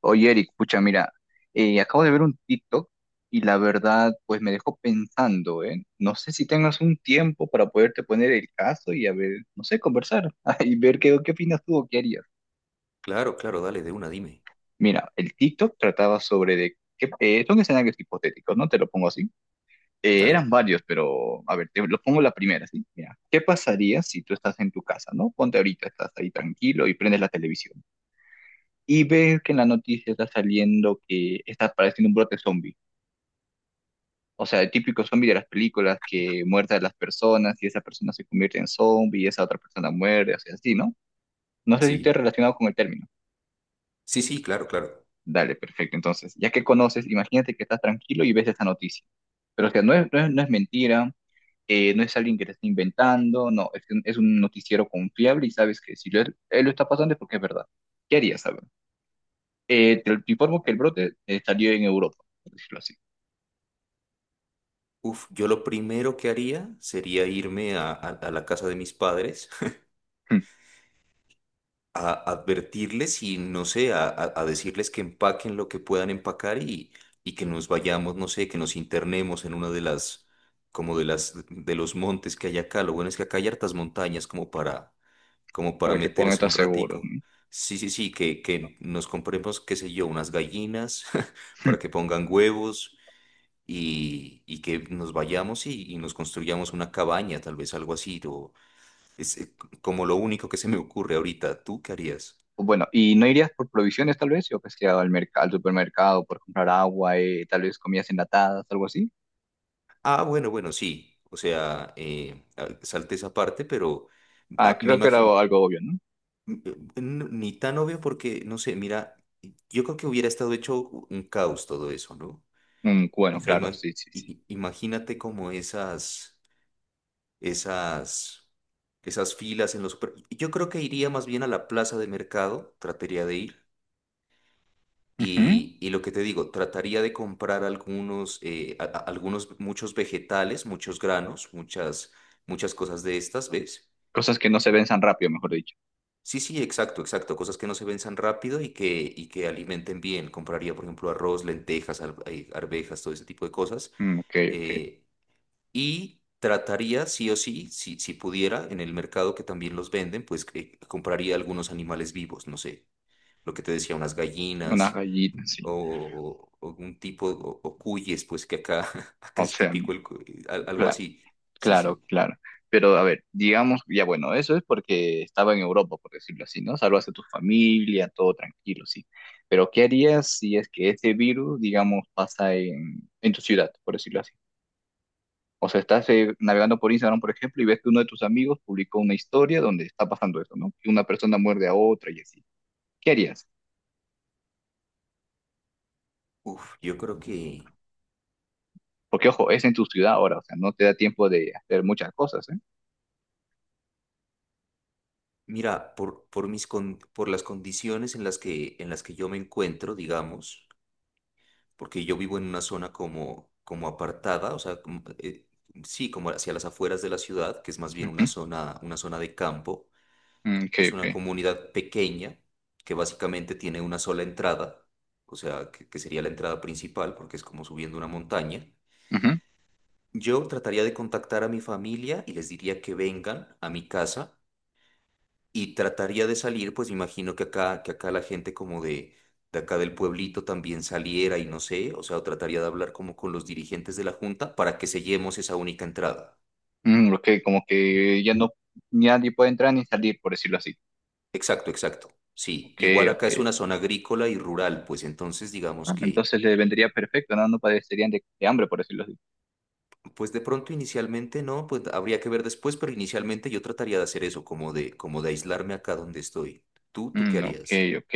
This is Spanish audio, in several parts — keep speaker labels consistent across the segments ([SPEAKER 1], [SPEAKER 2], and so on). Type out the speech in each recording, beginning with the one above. [SPEAKER 1] Oye, Eric, pucha, mira, acabo de ver un TikTok y la verdad, pues me dejó pensando, ¿eh? No sé si tengas un tiempo para poderte poner el caso y a ver, no sé, conversar y ver qué, qué opinas tú o qué harías.
[SPEAKER 2] Claro, claro, dale, de una, dime.
[SPEAKER 1] Mira, el TikTok trataba sobre de que son escenarios hipotéticos, ¿no? Te lo pongo así.
[SPEAKER 2] Dale.
[SPEAKER 1] Eran varios, pero a ver, te lo pongo la primera, ¿sí? Mira, ¿qué pasaría si tú estás en tu casa, ¿no? Ponte ahorita, estás ahí tranquilo y prendes la televisión y ves que en la noticia está saliendo que está apareciendo un brote zombie. O sea, el típico zombie de las películas que muerde a las personas y esa persona se convierte en zombie y esa otra persona muere, o sea, así, ¿no? No sé si esté
[SPEAKER 2] Sí,
[SPEAKER 1] relacionado con el término.
[SPEAKER 2] sí, sí, claro, claro.
[SPEAKER 1] Dale, perfecto. Entonces, ya que conoces, imagínate que estás tranquilo y ves esa noticia. Pero, o sea, no es mentira, no es alguien que te está inventando, no, es, es un noticiero confiable y sabes que si lo- él lo está pasando es porque es verdad. ¿Qué harías, saber? Te informo que el brote salió en Europa, por decirlo así,
[SPEAKER 2] Uf, yo lo primero que haría sería irme a, a la casa de mis padres a advertirles y, no sé, a, a decirles que empaquen lo que puedan empacar y que nos vayamos, no sé, que nos internemos en una de las, como de las, de los montes que hay acá. Lo bueno es que acá hay hartas montañas como para, como para
[SPEAKER 1] para que puedan
[SPEAKER 2] meterse
[SPEAKER 1] estar
[SPEAKER 2] un
[SPEAKER 1] seguros,
[SPEAKER 2] ratico.
[SPEAKER 1] ¿no?
[SPEAKER 2] Sí, sí, sí, que nos compremos, qué sé yo, unas gallinas para que pongan huevos y que nos vayamos y nos construyamos una cabaña, tal vez algo así, o es como lo único que se me ocurre ahorita. ¿Tú qué harías?
[SPEAKER 1] Bueno, ¿y no irías por provisiones tal vez? Yo pues que al mercado, al supermercado por comprar agua, tal vez comidas enlatadas, algo así.
[SPEAKER 2] Ah, bueno, bueno, sí. O sea, salte esa parte, pero
[SPEAKER 1] Ah,
[SPEAKER 2] ah, me
[SPEAKER 1] creo que era
[SPEAKER 2] imagino,
[SPEAKER 1] algo, algo obvio, ¿no?
[SPEAKER 2] ni tan obvio porque, no sé, mira, yo creo que hubiera estado hecho un caos todo eso, ¿no?
[SPEAKER 1] Mm,
[SPEAKER 2] O
[SPEAKER 1] bueno,
[SPEAKER 2] sea,
[SPEAKER 1] claro, sí, sí, sí.
[SPEAKER 2] imagínate como esas. Esas, esas filas en los super- Yo creo que iría más bien a la plaza de mercado, trataría de ir.
[SPEAKER 1] Ujú.
[SPEAKER 2] Y lo que te digo, trataría de comprar algunos, algunos, muchos vegetales, muchos granos, muchas, muchas cosas de estas, ¿ves?
[SPEAKER 1] Cosas que no se ven tan rápido, mejor dicho.
[SPEAKER 2] Sí, sí, exacto, exacto. Cosas que no se venzan rápido y que alimenten bien. Compraría, por ejemplo, arroz, lentejas, arvejas, todo ese tipo de cosas.
[SPEAKER 1] Mm, ok, ok.
[SPEAKER 2] eh, Y trataría, sí o sí, si, si pudiera, en el mercado que también los venden, pues que compraría algunos animales vivos, no sé, lo que te decía, unas
[SPEAKER 1] Una
[SPEAKER 2] gallinas
[SPEAKER 1] gallina, sí.
[SPEAKER 2] o, o algún tipo, o cuyes, pues que acá, acá
[SPEAKER 1] O
[SPEAKER 2] es
[SPEAKER 1] sea,
[SPEAKER 2] típico el algo
[SPEAKER 1] claro,
[SPEAKER 2] así. Sí,
[SPEAKER 1] claro,
[SPEAKER 2] sí.
[SPEAKER 1] claro. Pero a ver, digamos, ya bueno, eso es porque estaba en Europa, por decirlo así, ¿no? Salvas a tu familia, todo tranquilo, sí. Pero ¿qué harías si es que ese virus, digamos, pasa en tu ciudad, por decirlo así? O sea, estás navegando por Instagram, por ejemplo, y ves que uno de tus amigos publicó una historia donde está pasando eso, ¿no? Que una persona muerde a otra y así. ¿Qué harías?
[SPEAKER 2] Uf, yo creo que,
[SPEAKER 1] Porque, ojo, es en tu ciudad ahora, o sea, no te da tiempo de hacer muchas cosas, ¿eh?
[SPEAKER 2] mira, por mis por las condiciones en las que yo me encuentro, digamos. Porque yo vivo en una zona como, como apartada, o sea, como, sí, como hacia las afueras de la ciudad, que es más bien
[SPEAKER 1] Ujú.
[SPEAKER 2] una zona de campo.
[SPEAKER 1] Mm, ok,
[SPEAKER 2] Es una
[SPEAKER 1] ok.
[SPEAKER 2] comunidad pequeña que básicamente tiene una sola entrada, o sea, que sería la entrada principal, porque es como subiendo una montaña.
[SPEAKER 1] Ujú.
[SPEAKER 2] Yo trataría de contactar a mi familia y les diría que vengan a mi casa y trataría de salir, pues imagino que acá la gente como de acá del pueblito también saliera y no sé, o sea, o trataría de hablar como con los dirigentes de la junta para que sellemos esa única entrada.
[SPEAKER 1] Mm, ok, como que ya no, ni nadie puede entrar ni salir, por decirlo así.
[SPEAKER 2] Exacto, exacto. Sí,
[SPEAKER 1] Ok,
[SPEAKER 2] igual
[SPEAKER 1] ok.
[SPEAKER 2] acá es una zona agrícola y rural, pues entonces digamos
[SPEAKER 1] Ah,
[SPEAKER 2] que,
[SPEAKER 1] entonces le vendría perfecto, ¿no? No padecerían de hambre, por decirlo así.
[SPEAKER 2] pues de pronto inicialmente no, pues habría que ver después, pero inicialmente yo trataría de hacer eso, como de aislarme acá donde estoy. ¿Tú, tú qué
[SPEAKER 1] Mm, ok,
[SPEAKER 2] harías?
[SPEAKER 1] ok.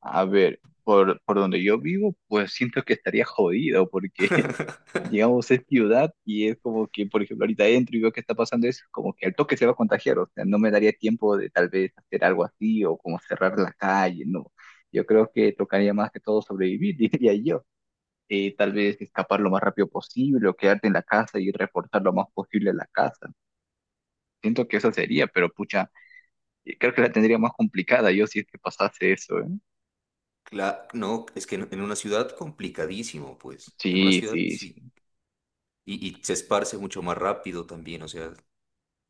[SPEAKER 1] A ver, por donde yo vivo, pues siento que estaría jodido, porque digamos, es ciudad y es como que, por ejemplo, ahorita entro y veo que está pasando eso, como que al toque se va a contagiar, o sea, no me daría tiempo de tal vez hacer algo así o como cerrar la calle, no. Yo creo que tocaría más que todo sobrevivir, diría yo. Tal vez escapar lo más rápido posible o quedarte en la casa y reforzar lo más posible la casa. Siento que eso sería, pero pucha, creo que la tendría más complicada yo si es que pasase eso, ¿eh?
[SPEAKER 2] Claro, no, es que en una ciudad complicadísimo, pues. En una
[SPEAKER 1] Sí,
[SPEAKER 2] ciudad
[SPEAKER 1] sí,
[SPEAKER 2] sí.
[SPEAKER 1] sí.
[SPEAKER 2] Y, y se esparce mucho más rápido también, o sea,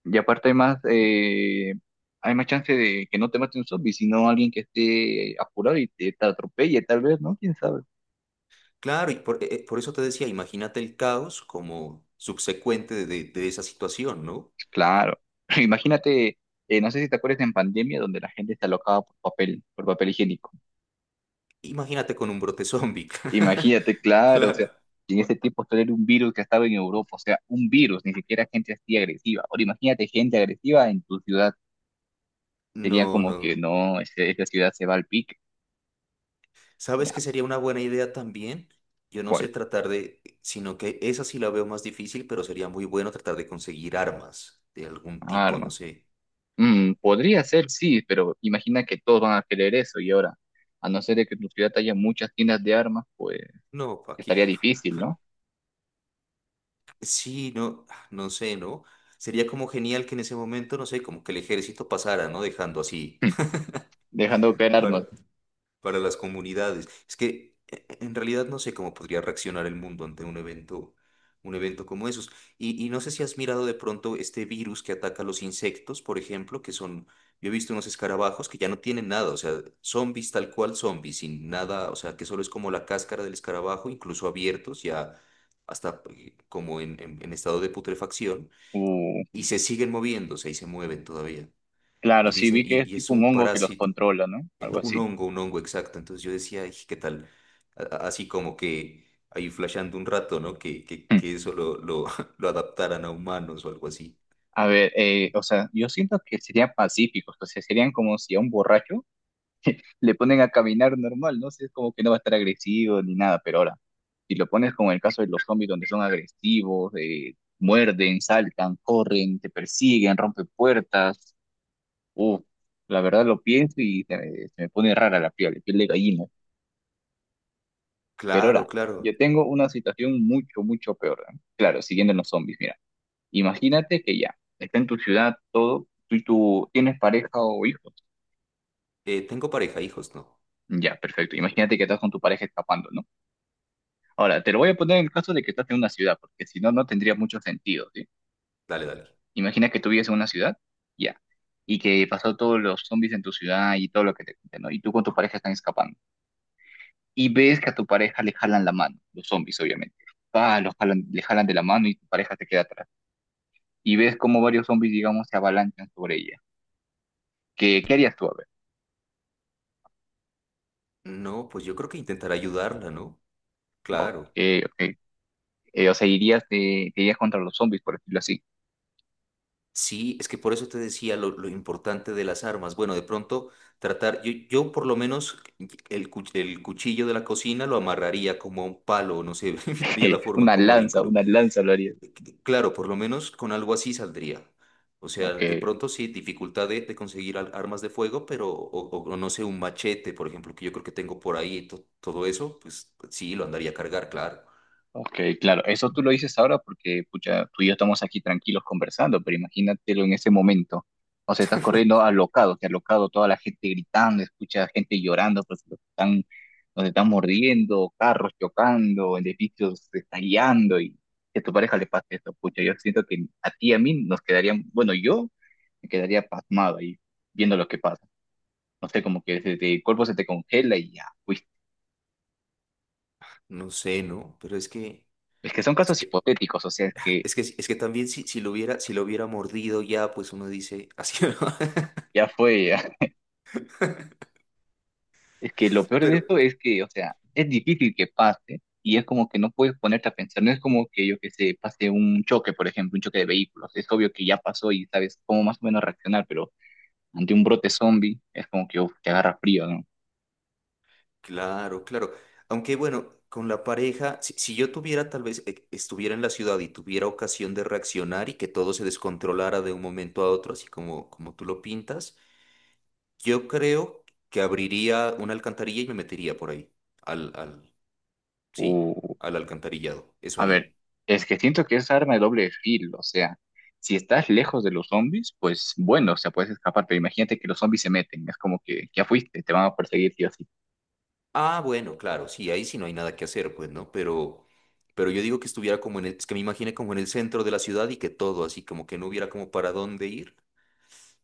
[SPEAKER 1] Y aparte hay más chance de que no te mate un zombie, sino alguien que esté apurado y te atropelle, tal vez, ¿no? ¿Quién sabe?
[SPEAKER 2] claro, y por eso te decía, imagínate el caos como subsecuente de, de esa situación, ¿no?
[SPEAKER 1] Claro. Imagínate, no sé si te acuerdas en pandemia donde la gente está alocaba por papel higiénico.
[SPEAKER 2] Imagínate con un brote zombie.
[SPEAKER 1] Imagínate, claro, o
[SPEAKER 2] Claro.
[SPEAKER 1] sea, y en ese tiempo esto era un virus que estaba en Europa, o sea, un virus, ni siquiera gente así agresiva. Ahora imagínate gente agresiva en tu ciudad. Sería
[SPEAKER 2] No,
[SPEAKER 1] como que
[SPEAKER 2] no.
[SPEAKER 1] no, esa ciudad se va al pique.
[SPEAKER 2] ¿Sabes
[SPEAKER 1] Ya,
[SPEAKER 2] qué sería una buena idea también? Yo no
[SPEAKER 1] ¿cuál?
[SPEAKER 2] sé tratar de, sino que esa sí la veo más difícil, pero sería muy bueno tratar de conseguir armas de algún tipo, no sé.
[SPEAKER 1] Mm, podría ser, sí, pero imagina que todos van a querer eso y ahora, a no ser de que en tu ciudad haya muchas tiendas de armas, pues
[SPEAKER 2] No, Paqui.
[SPEAKER 1] estaría difícil, ¿no?
[SPEAKER 2] Sí, no, no sé, ¿no? Sería como genial que en ese momento, no sé, como que el ejército pasara, ¿no? Dejando así.
[SPEAKER 1] Dejando caer
[SPEAKER 2] para,
[SPEAKER 1] armas.
[SPEAKER 2] para las comunidades. Es que en realidad no sé cómo podría reaccionar el mundo ante un evento como esos. Y no sé si has mirado de pronto este virus que ataca a los insectos, por ejemplo, que son, yo he visto unos escarabajos que ya no tienen nada, o sea, zombies tal cual zombies, sin nada, o sea, que solo es como la cáscara del escarabajo, incluso abiertos ya. Hasta como en, en estado de putrefacción,
[SPEAKER 1] Uh,
[SPEAKER 2] y se siguen moviéndose y se mueven todavía.
[SPEAKER 1] claro,
[SPEAKER 2] Y
[SPEAKER 1] sí,
[SPEAKER 2] dicen,
[SPEAKER 1] vi que es
[SPEAKER 2] y es
[SPEAKER 1] tipo un
[SPEAKER 2] un
[SPEAKER 1] hongo que los
[SPEAKER 2] parásito.
[SPEAKER 1] controla, ¿no? Algo así.
[SPEAKER 2] Un hongo, exacto. Entonces yo decía, "Ay, ¿qué tal? Así como que ahí flasheando un rato, ¿no? Que eso lo, lo adaptaran a humanos o algo así.
[SPEAKER 1] A ver, o sea, yo siento que serían pacíficos, o sea, serían como si a un borracho le ponen a caminar normal, ¿no? sé es como que no va a estar agresivo ni nada, pero ahora, si lo pones con el caso de los zombies donde son agresivos, muerden, saltan, corren, te persiguen, rompen puertas, uff, la verdad lo pienso y se me pone rara la piel de gallina. Pero
[SPEAKER 2] Claro,
[SPEAKER 1] ahora, yo
[SPEAKER 2] claro.
[SPEAKER 1] tengo una situación mucho, mucho peor, ¿no? Claro, siguiendo en los zombies, mira, imagínate que ya, está en tu ciudad todo, tú tienes pareja o hijos.
[SPEAKER 2] Tengo pareja, hijos, ¿no?
[SPEAKER 1] Ya, perfecto. Imagínate que estás con tu pareja escapando, ¿no? Ahora, te lo voy a poner en el caso de que estás en una ciudad, porque si no, no tendría mucho sentido, ¿sí?
[SPEAKER 2] Dale, dale.
[SPEAKER 1] Imagina que tú vives en una ciudad, ya, y que pasó todos los zombies en tu ciudad y todo lo que te cuenten, ¿no? Y tú con tu pareja están escapando. Y ves que a tu pareja le jalan la mano, los zombies, obviamente. Ah, los jalan, le jalan de la mano y tu pareja te queda atrás. Y ves como varios zombies, digamos, se avalanchan sobre ella. ¿Qué, qué harías tú? A ver.
[SPEAKER 2] No, pues yo creo que intentar ayudarla, ¿no?
[SPEAKER 1] No, ok,
[SPEAKER 2] Claro.
[SPEAKER 1] ok. O sea, irías, te irías contra los zombies, por decirlo así.
[SPEAKER 2] Sí, es que por eso te decía lo importante de las armas. Bueno, de pronto tratar, yo por lo menos el, el cuchillo de la cocina lo amarraría como a un palo, no sé, vería la forma como de incru-
[SPEAKER 1] Una lanza lo harías.
[SPEAKER 2] Claro, por lo menos con algo así saldría. O sea,
[SPEAKER 1] Ok,
[SPEAKER 2] de pronto sí, dificultad de conseguir armas de fuego, pero, o, o no sé, un machete, por ejemplo, que yo creo que tengo por ahí, todo eso, pues sí, lo andaría a cargar, claro.
[SPEAKER 1] ok, claro, eso tú lo dices ahora porque pucha, tú y yo estamos aquí tranquilos conversando, pero imagínatelo en ese momento. O sea, estás corriendo alocado, que alocado, toda la gente gritando, escucha gente llorando, pues los están, nos están mordiendo, carros chocando, edificios estallando y que a tu pareja le pase eso, pucha, yo siento que a ti y a mí nos quedarían, bueno, yo me quedaría pasmado ahí viendo lo que pasa. No sé, como que el cuerpo se te congela y ya, fuiste.
[SPEAKER 2] No sé, ¿no? Pero es que,
[SPEAKER 1] Es que son
[SPEAKER 2] es
[SPEAKER 1] casos
[SPEAKER 2] que,
[SPEAKER 1] hipotéticos, o sea, es que
[SPEAKER 2] es que también si, si lo hubiera, si lo hubiera mordido ya, pues uno dice, así, ¿no?
[SPEAKER 1] ya fue. Es que lo peor de
[SPEAKER 2] Pero,
[SPEAKER 1] esto es que, o sea, es difícil que pase y es como que no puedes ponerte a pensar, no es como que yo que sé, pase un choque, por ejemplo, un choque de vehículos, es obvio que ya pasó y sabes cómo más o menos reaccionar, pero ante un brote zombie es como que uf, te agarra frío, ¿no?
[SPEAKER 2] claro, claro. Aunque bueno, con la pareja, si, si yo tuviera tal vez, estuviera en la ciudad y tuviera ocasión de reaccionar y que todo se descontrolara de un momento a otro, así como, como tú lo pintas, yo creo que abriría una alcantarilla y me metería por ahí, al, al, sí,
[SPEAKER 1] O,
[SPEAKER 2] al alcantarillado, eso
[SPEAKER 1] a
[SPEAKER 2] haría.
[SPEAKER 1] ver, es que siento que es arma de doble filo, o sea, si estás lejos de los zombies, pues bueno, o sea, puedes escapar, pero imagínate que los zombies se meten, es como que ya fuiste, te van a perseguir sí o sí.
[SPEAKER 2] Ah, bueno, claro, sí, ahí sí no hay nada que hacer, pues, ¿no? Pero yo digo que estuviera como en el, es que me imaginé como en el centro de la ciudad y que todo, así como que no hubiera como para dónde ir.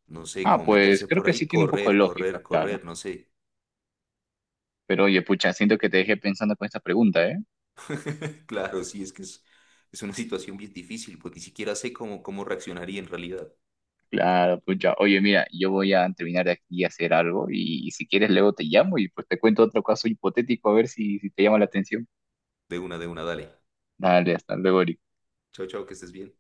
[SPEAKER 2] No sé,
[SPEAKER 1] Ah,
[SPEAKER 2] como
[SPEAKER 1] pues
[SPEAKER 2] meterse
[SPEAKER 1] creo
[SPEAKER 2] por
[SPEAKER 1] que
[SPEAKER 2] ahí,
[SPEAKER 1] sí tiene un poco de
[SPEAKER 2] correr,
[SPEAKER 1] lógica,
[SPEAKER 2] correr,
[SPEAKER 1] claro.
[SPEAKER 2] correr, no sé.
[SPEAKER 1] Pero oye, pucha, siento que te dejé pensando con esta pregunta, ¿eh?
[SPEAKER 2] Claro, sí, es que es una situación bien difícil, pues ni siquiera sé cómo, cómo reaccionaría en realidad.
[SPEAKER 1] Claro, pucha. Oye, mira, yo voy a terminar de aquí a hacer algo y si quieres luego te llamo y pues te cuento otro caso hipotético a ver si, si te llama la atención.
[SPEAKER 2] De una, dale.
[SPEAKER 1] Dale, hasta luego, Eric.
[SPEAKER 2] Chao, chao, que estés bien.